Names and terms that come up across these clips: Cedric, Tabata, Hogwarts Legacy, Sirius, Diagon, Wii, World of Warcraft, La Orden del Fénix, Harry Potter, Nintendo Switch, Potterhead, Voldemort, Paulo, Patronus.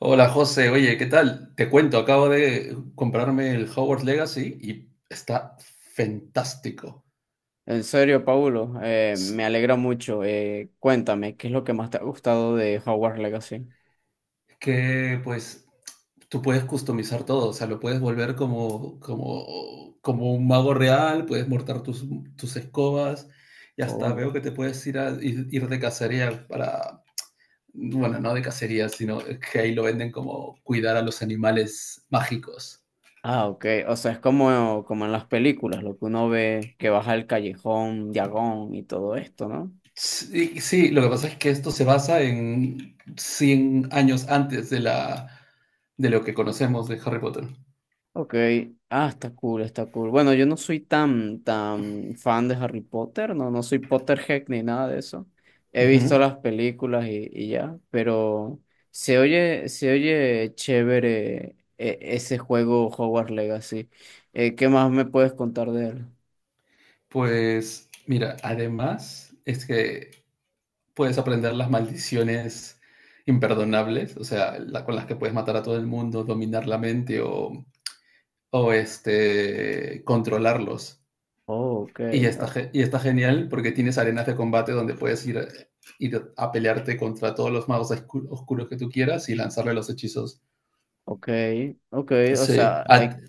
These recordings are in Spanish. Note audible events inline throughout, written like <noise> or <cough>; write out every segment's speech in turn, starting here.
Hola José, oye, ¿qué tal? Te cuento, acabo de comprarme el Hogwarts Legacy y está fantástico. En serio, Paulo, Es me alegra mucho. Cuéntame, ¿qué es lo que más te ha gustado de Hogwarts Legacy? que pues Tú puedes customizar todo, o sea, lo puedes volver como un mago real, puedes mortar tus escobas y hasta Oh. veo que te puedes ir de cacería bueno, no de cacería, sino que ahí lo venden como cuidar a los animales mágicos. Ah, ok. O sea, es como en las películas, lo que uno ve que baja el callejón, Diagon y todo esto, ¿no? Sí, sí, lo que pasa es que esto se basa en 100 años antes de lo que conocemos de Harry Potter. Ok, ah, está cool, está cool. Bueno, yo no soy tan, tan fan de Harry Potter, no, no soy Potterhead ni nada de eso. He visto Ujú. las películas y ya, pero se oye chévere, ese juego Hogwarts Legacy. ¿Qué más me puedes contar de él? Pues mira, además es que puedes aprender las maldiciones imperdonables, o sea, con las que puedes matar a todo el mundo, dominar la mente o controlarlos. Oh, ok, Y está, ah, y está genial porque tienes arenas de combate donde puedes ir a pelearte contra todos los magos oscuros que tú quieras y lanzarle los hechizos. ok, ok, o Sí, sea, ah, hay,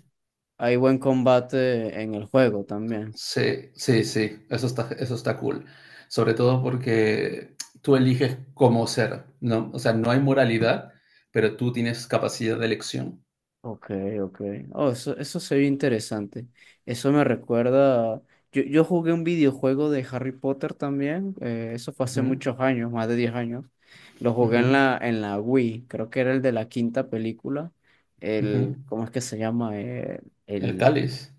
hay buen combate en el juego también. sí, eso está cool. Sobre todo porque tú eliges cómo ser, ¿no? O sea, no hay moralidad, pero tú tienes capacidad de elección. Ok, ok. Oh, eso se ve interesante. Eso me recuerda. Yo jugué un videojuego de Harry Potter también. Eso fue hace Ujú, muchos años, más de 10 años. Lo jugué en ujú, la, en la Wii. Creo que era el de la quinta película. ujú. ¿Cómo es que se llama? El El, cáliz,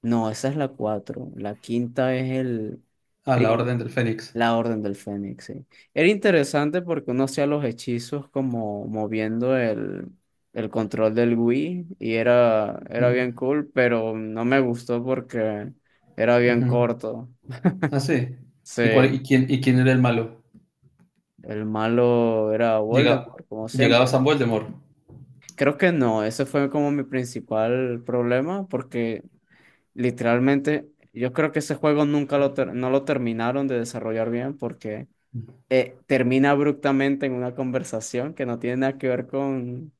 no, esa es la 4. La quinta es el. a la orden del Fénix. La Orden del Fénix, sí. Era interesante porque uno hacía los hechizos como moviendo el control del Wii y era, Ujú, era bien cool, pero no me gustó porque era bien ujú. corto. Ah, sí. ¿Y, Sí, cuál, y, quién, ¿Y quién era el malo? el malo era Llega, Voldemort, como Llegaba siempre. San Voldemort. Creo que no, ese fue como mi principal problema porque literalmente yo creo que ese juego nunca no lo terminaron de desarrollar bien porque. Termina abruptamente en una conversación que no tiene nada que ver con,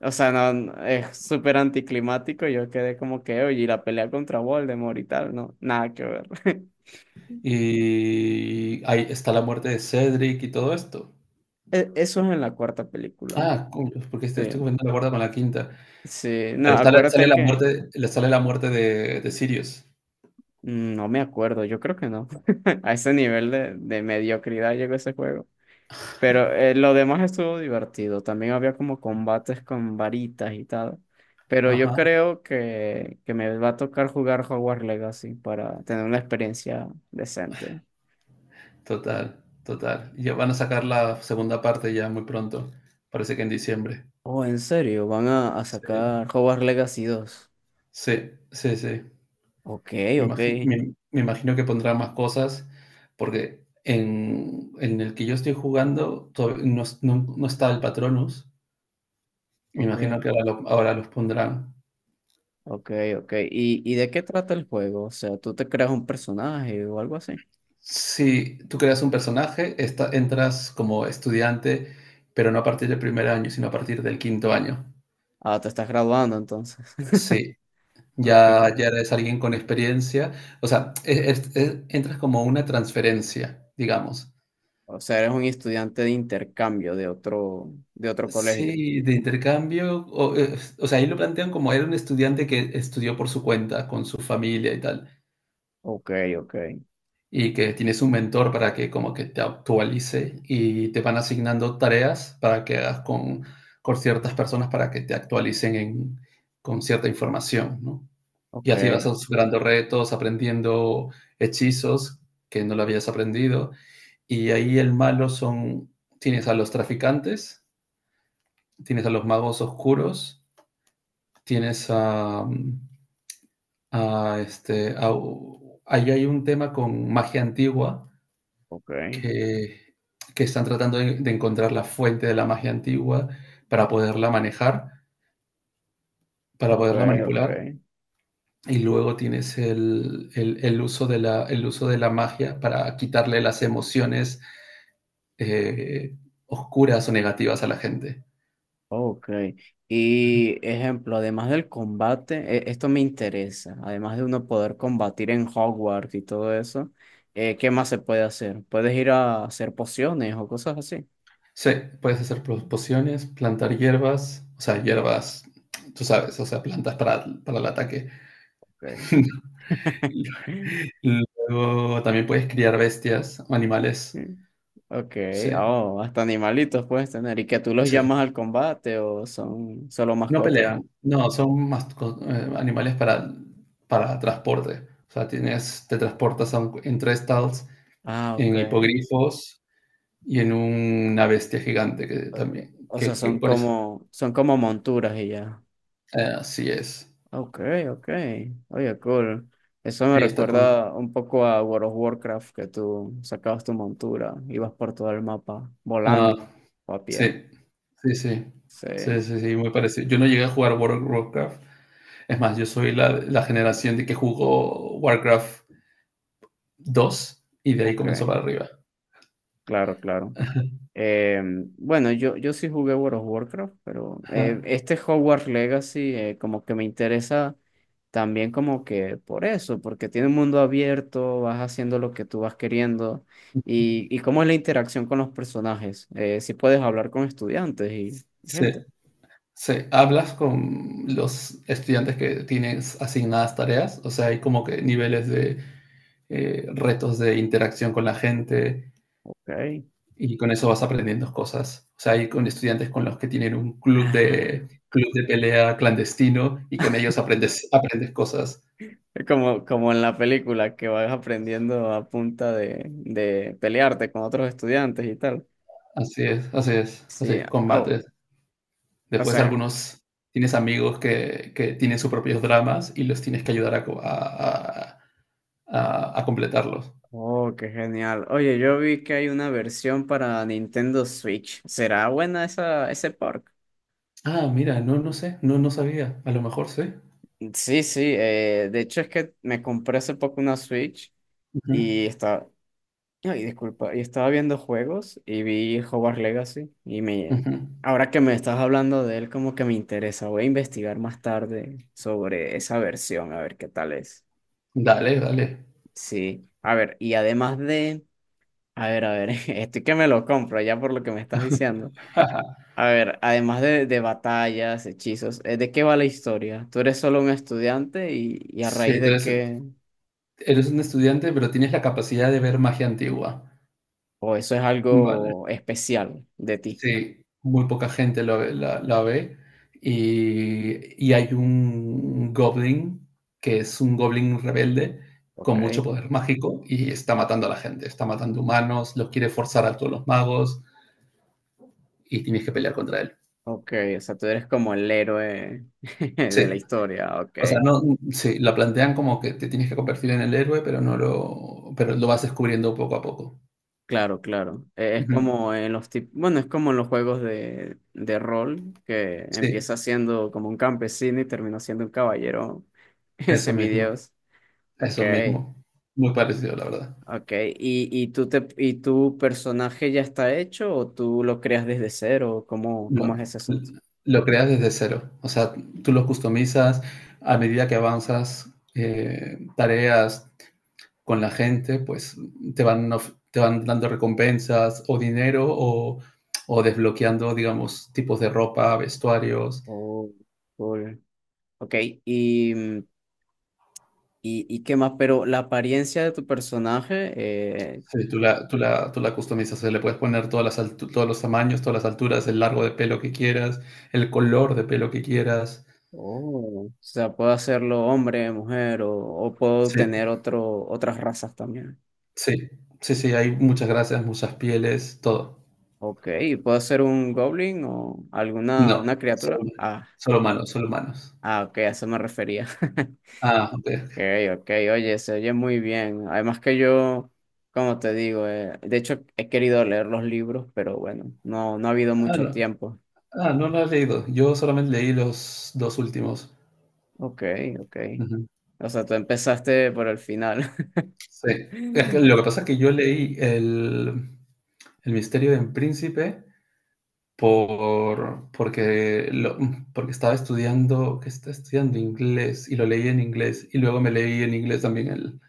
o sea, es súper anticlimático. Yo quedé como que, oye, y la pelea contra Voldemort y tal, no, nada que ver. <laughs> Y ahí está la muerte de Cedric y todo esto. Eso es en la cuarta película. Ah, cool, porque Sí, estoy comentando la cuarta con la quinta. sí, no, Pero sale, sale acuérdate la que, muerte, le sale la muerte de Sirius. No me acuerdo. Yo creo que no. <laughs> A ese nivel de mediocridad llegó ese juego. Pero lo demás estuvo divertido. También había como combates con varitas y tal. Pero yo Ajá, creo que me va a tocar jugar Hogwarts Legacy para tener una experiencia decente. total, total. Y ya van a sacar la segunda parte ya muy pronto. Parece que en diciembre. Oh, en serio, van a Sí, sacar Hogwarts Legacy 2. sí, sí, sí. Ok, Me ok, imagi- me- me imagino que pondrá más cosas porque en el que yo estoy jugando todavía no, no, no está el Patronus. Me ok, imagino que ahora, ahora los pondrán. ok, ok. ¿Y de qué trata el juego? O sea, ¿tú te creas un personaje o algo así? Si tú creas un personaje, entras como estudiante, pero no a partir del primer año, sino a partir del quinto año. Ah, te estás graduando entonces. <laughs> Sí, Ok. ya eres alguien con experiencia. O sea, entras como una transferencia, digamos. O sea, eres un estudiante de intercambio de otro colegio. Sí, de intercambio. O sea, ahí lo plantean como era un estudiante que estudió por su cuenta, con su familia y tal, Ok, ok, y que tienes un mentor para que como que te actualice y te van asignando tareas para que hagas con ciertas personas para que te actualicen con cierta información, ¿no? Y ok, así vas superando retos, aprendiendo hechizos que no lo habías aprendido. Y ahí el malo son, tienes a los traficantes, tienes a los magos oscuros, tienes a ahí hay un tema con magia antigua ok, que, que están tratando de encontrar la fuente de la magia antigua para poderla manejar, para ok, poderla ok, manipular. Y luego tienes el uso de la, el uso de la magia para quitarle las emociones eh, oscuras o negativas a la gente. ok. Y ejemplo, además del combate, esto me interesa, además de uno poder combatir en Hogwarts y todo eso, ¿qué más se puede hacer? ¿Puedes ir a hacer pociones o cosas así? Sí, puedes hacer pociones, plantar hierbas, o sea, hierbas, tú sabes, o sea, plantas para el ataque. Ok. <laughs> <laughs> Luego también puedes criar bestias o animales. Ok, Sí, oh, hasta animalitos puedes tener y que tú los sí. llamas al combate o son solo No mascotas. pelean, no, son más animales para transporte. O sea, tienes, te transportas a entre estados Ah, ok. en hipogrifos y en una bestia gigante que O también, o sea, que son pones. como, son como monturas y ya. Ah, así es. Okay, okay, oye, cool. Eso me Sí, está con... recuerda un poco a World of Warcraft, que tú sacabas tu montura, ibas por todo el mapa Ah, volando o a pie. sí, sí. Sí, Sí, muy parecido. Yo no llegué a jugar World of Warcraft. Es más, yo soy la generación de que jugó Warcraft 2 y de ahí comenzó okay, para arriba. claro, claro. <laughs> Eh, bueno, yo sí jugué World of Warcraft, pero Ajá. este Hogwarts Legacy, como que me interesa también como que por eso, porque tiene un mundo abierto, vas haciendo lo que tú vas queriendo y cómo es la interacción con los personajes. Si puedes hablar con estudiantes y Sí, gente. sí. ¿Hablas con los estudiantes que tienes asignadas tareas? O sea, hay como que niveles de retos de interacción con la gente Ok. y con eso vas aprendiendo cosas. O sea, hay con estudiantes con los que tienen un Ah, club de pelea clandestino y con ellos aprendes, aprendes cosas. es como en la película que vas aprendiendo a punta de pelearte con otros estudiantes y tal. Así es, así es, así Sí, es, ah, combates. o Después sea, algunos tienes amigos que tienen sus propios dramas y los tienes que ayudar a completarlos. oh, qué genial. Oye, yo vi que hay una versión para Nintendo Switch. ¿Será buena esa, ese park? Ah, mira, no, no sé, no, no sabía. A lo mejor sí. Sí, sí. De hecho, es que me compré hace poco una Switch Ujú, y estaba. Ay, disculpa. Y estaba viendo juegos y vi Hogwarts Legacy. Y me. ujú. Ahora que me estás hablando de él, como que me interesa. Voy a investigar más tarde sobre esa versión, a ver qué tal es. Dale, dale. Sí. A ver, y además de. A ver, a ver. <laughs> Estoy que me lo compro ya por lo que me estás diciendo. <laughs> A ver, además de batallas, hechizos, ¿de qué va la historia? ¿Tú eres solo un estudiante y a Sí, raíz de entonces qué? eres un estudiante, pero tienes la capacidad de ver magia antigua. O eso es Vale. algo especial de ti. Sí, muy poca gente la ve. Y hay un goblin que es un goblin rebelde Ok, con mucho poder mágico y está matando a la gente, está matando humanos, los quiere forzar a todos los magos y tienes que pelear contra él. ok, o sea, tú eres como el héroe <laughs> de la Sí, historia, ok. o sea, no, sí, la plantean como que te tienes que convertir en el héroe, pero no lo, pero lo vas descubriendo poco a poco. Claro, claro. Es Ujú. como en los tip- bueno, es como en los juegos de rol, que Sí, empieza siendo como un campesino y termina siendo un caballero <laughs> eso mismo, semidios. Ok. eso mismo. Muy parecido, la verdad. Ok, y tu personaje ya está hecho o tú lo creas desde cero? ¿Cómo No, es ese asunto? Lo creas desde cero. O sea, tú lo customizas a medida que avanzas tareas con la gente, pues te te van dando recompensas o dinero o desbloqueando, digamos, tipos de ropa, vestuarios. Oh, cool. Ok, y, mm, y qué más, pero la apariencia de tu personaje, eh, Sí, tú la customizas, o sea, le puedes poner todos los tamaños, todas las alturas, el largo de pelo que quieras, el color de pelo que quieras. oh. O sea, puedo hacerlo hombre, mujer o puedo Sí, tener otras razas también. sí, sí, hay muchas gracias, muchas pieles, todo. Ok, ¿y puedo ser un goblin o alguna No, una criatura? Ah, solo humanos, solo humanos. Ok, a eso me refería. <laughs> Ah, okey. Okay, ok, oye, se oye muy bien. Además que yo, como te digo, de hecho he querido leer los libros, pero bueno, no, no ha habido Ah, mucho no. tiempo. Ah, no lo has leído. Yo solamente leí los 2 últimos. Ok, ok. Ujú. O sea, tú empezaste por el final. Sí. Es que lo <laughs> que pasa es que yo leí el misterio del príncipe porque lo porque estaba estudiando que estaba estudiando inglés y lo leí en inglés, y luego me leí en inglés también el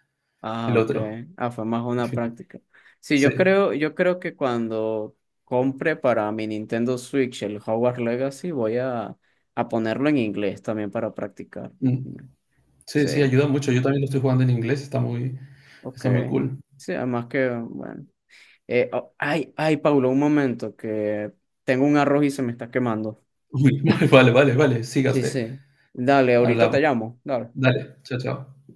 Ah, el ok. otro, Ah, fue más el una final. práctica. Sí, Sí, yo creo que cuando compre para mi Nintendo Switch el Hogwarts Legacy, voy a ponerlo en inglés también para practicar. mm. Sí, sí, Sí, ayuda mucho. Yo también lo estoy jugando en inglés, ok. está muy cool. Sí, además que, bueno. Oh, ay, ay, Paulo, un momento, que tengo un arroz y se me está quemando. Uy, <laughs> Vale, vale, vale, siga Sí, usted. sí. Dale, ahorita te Hablamos. llamo. Dale. Dale, chao, chao.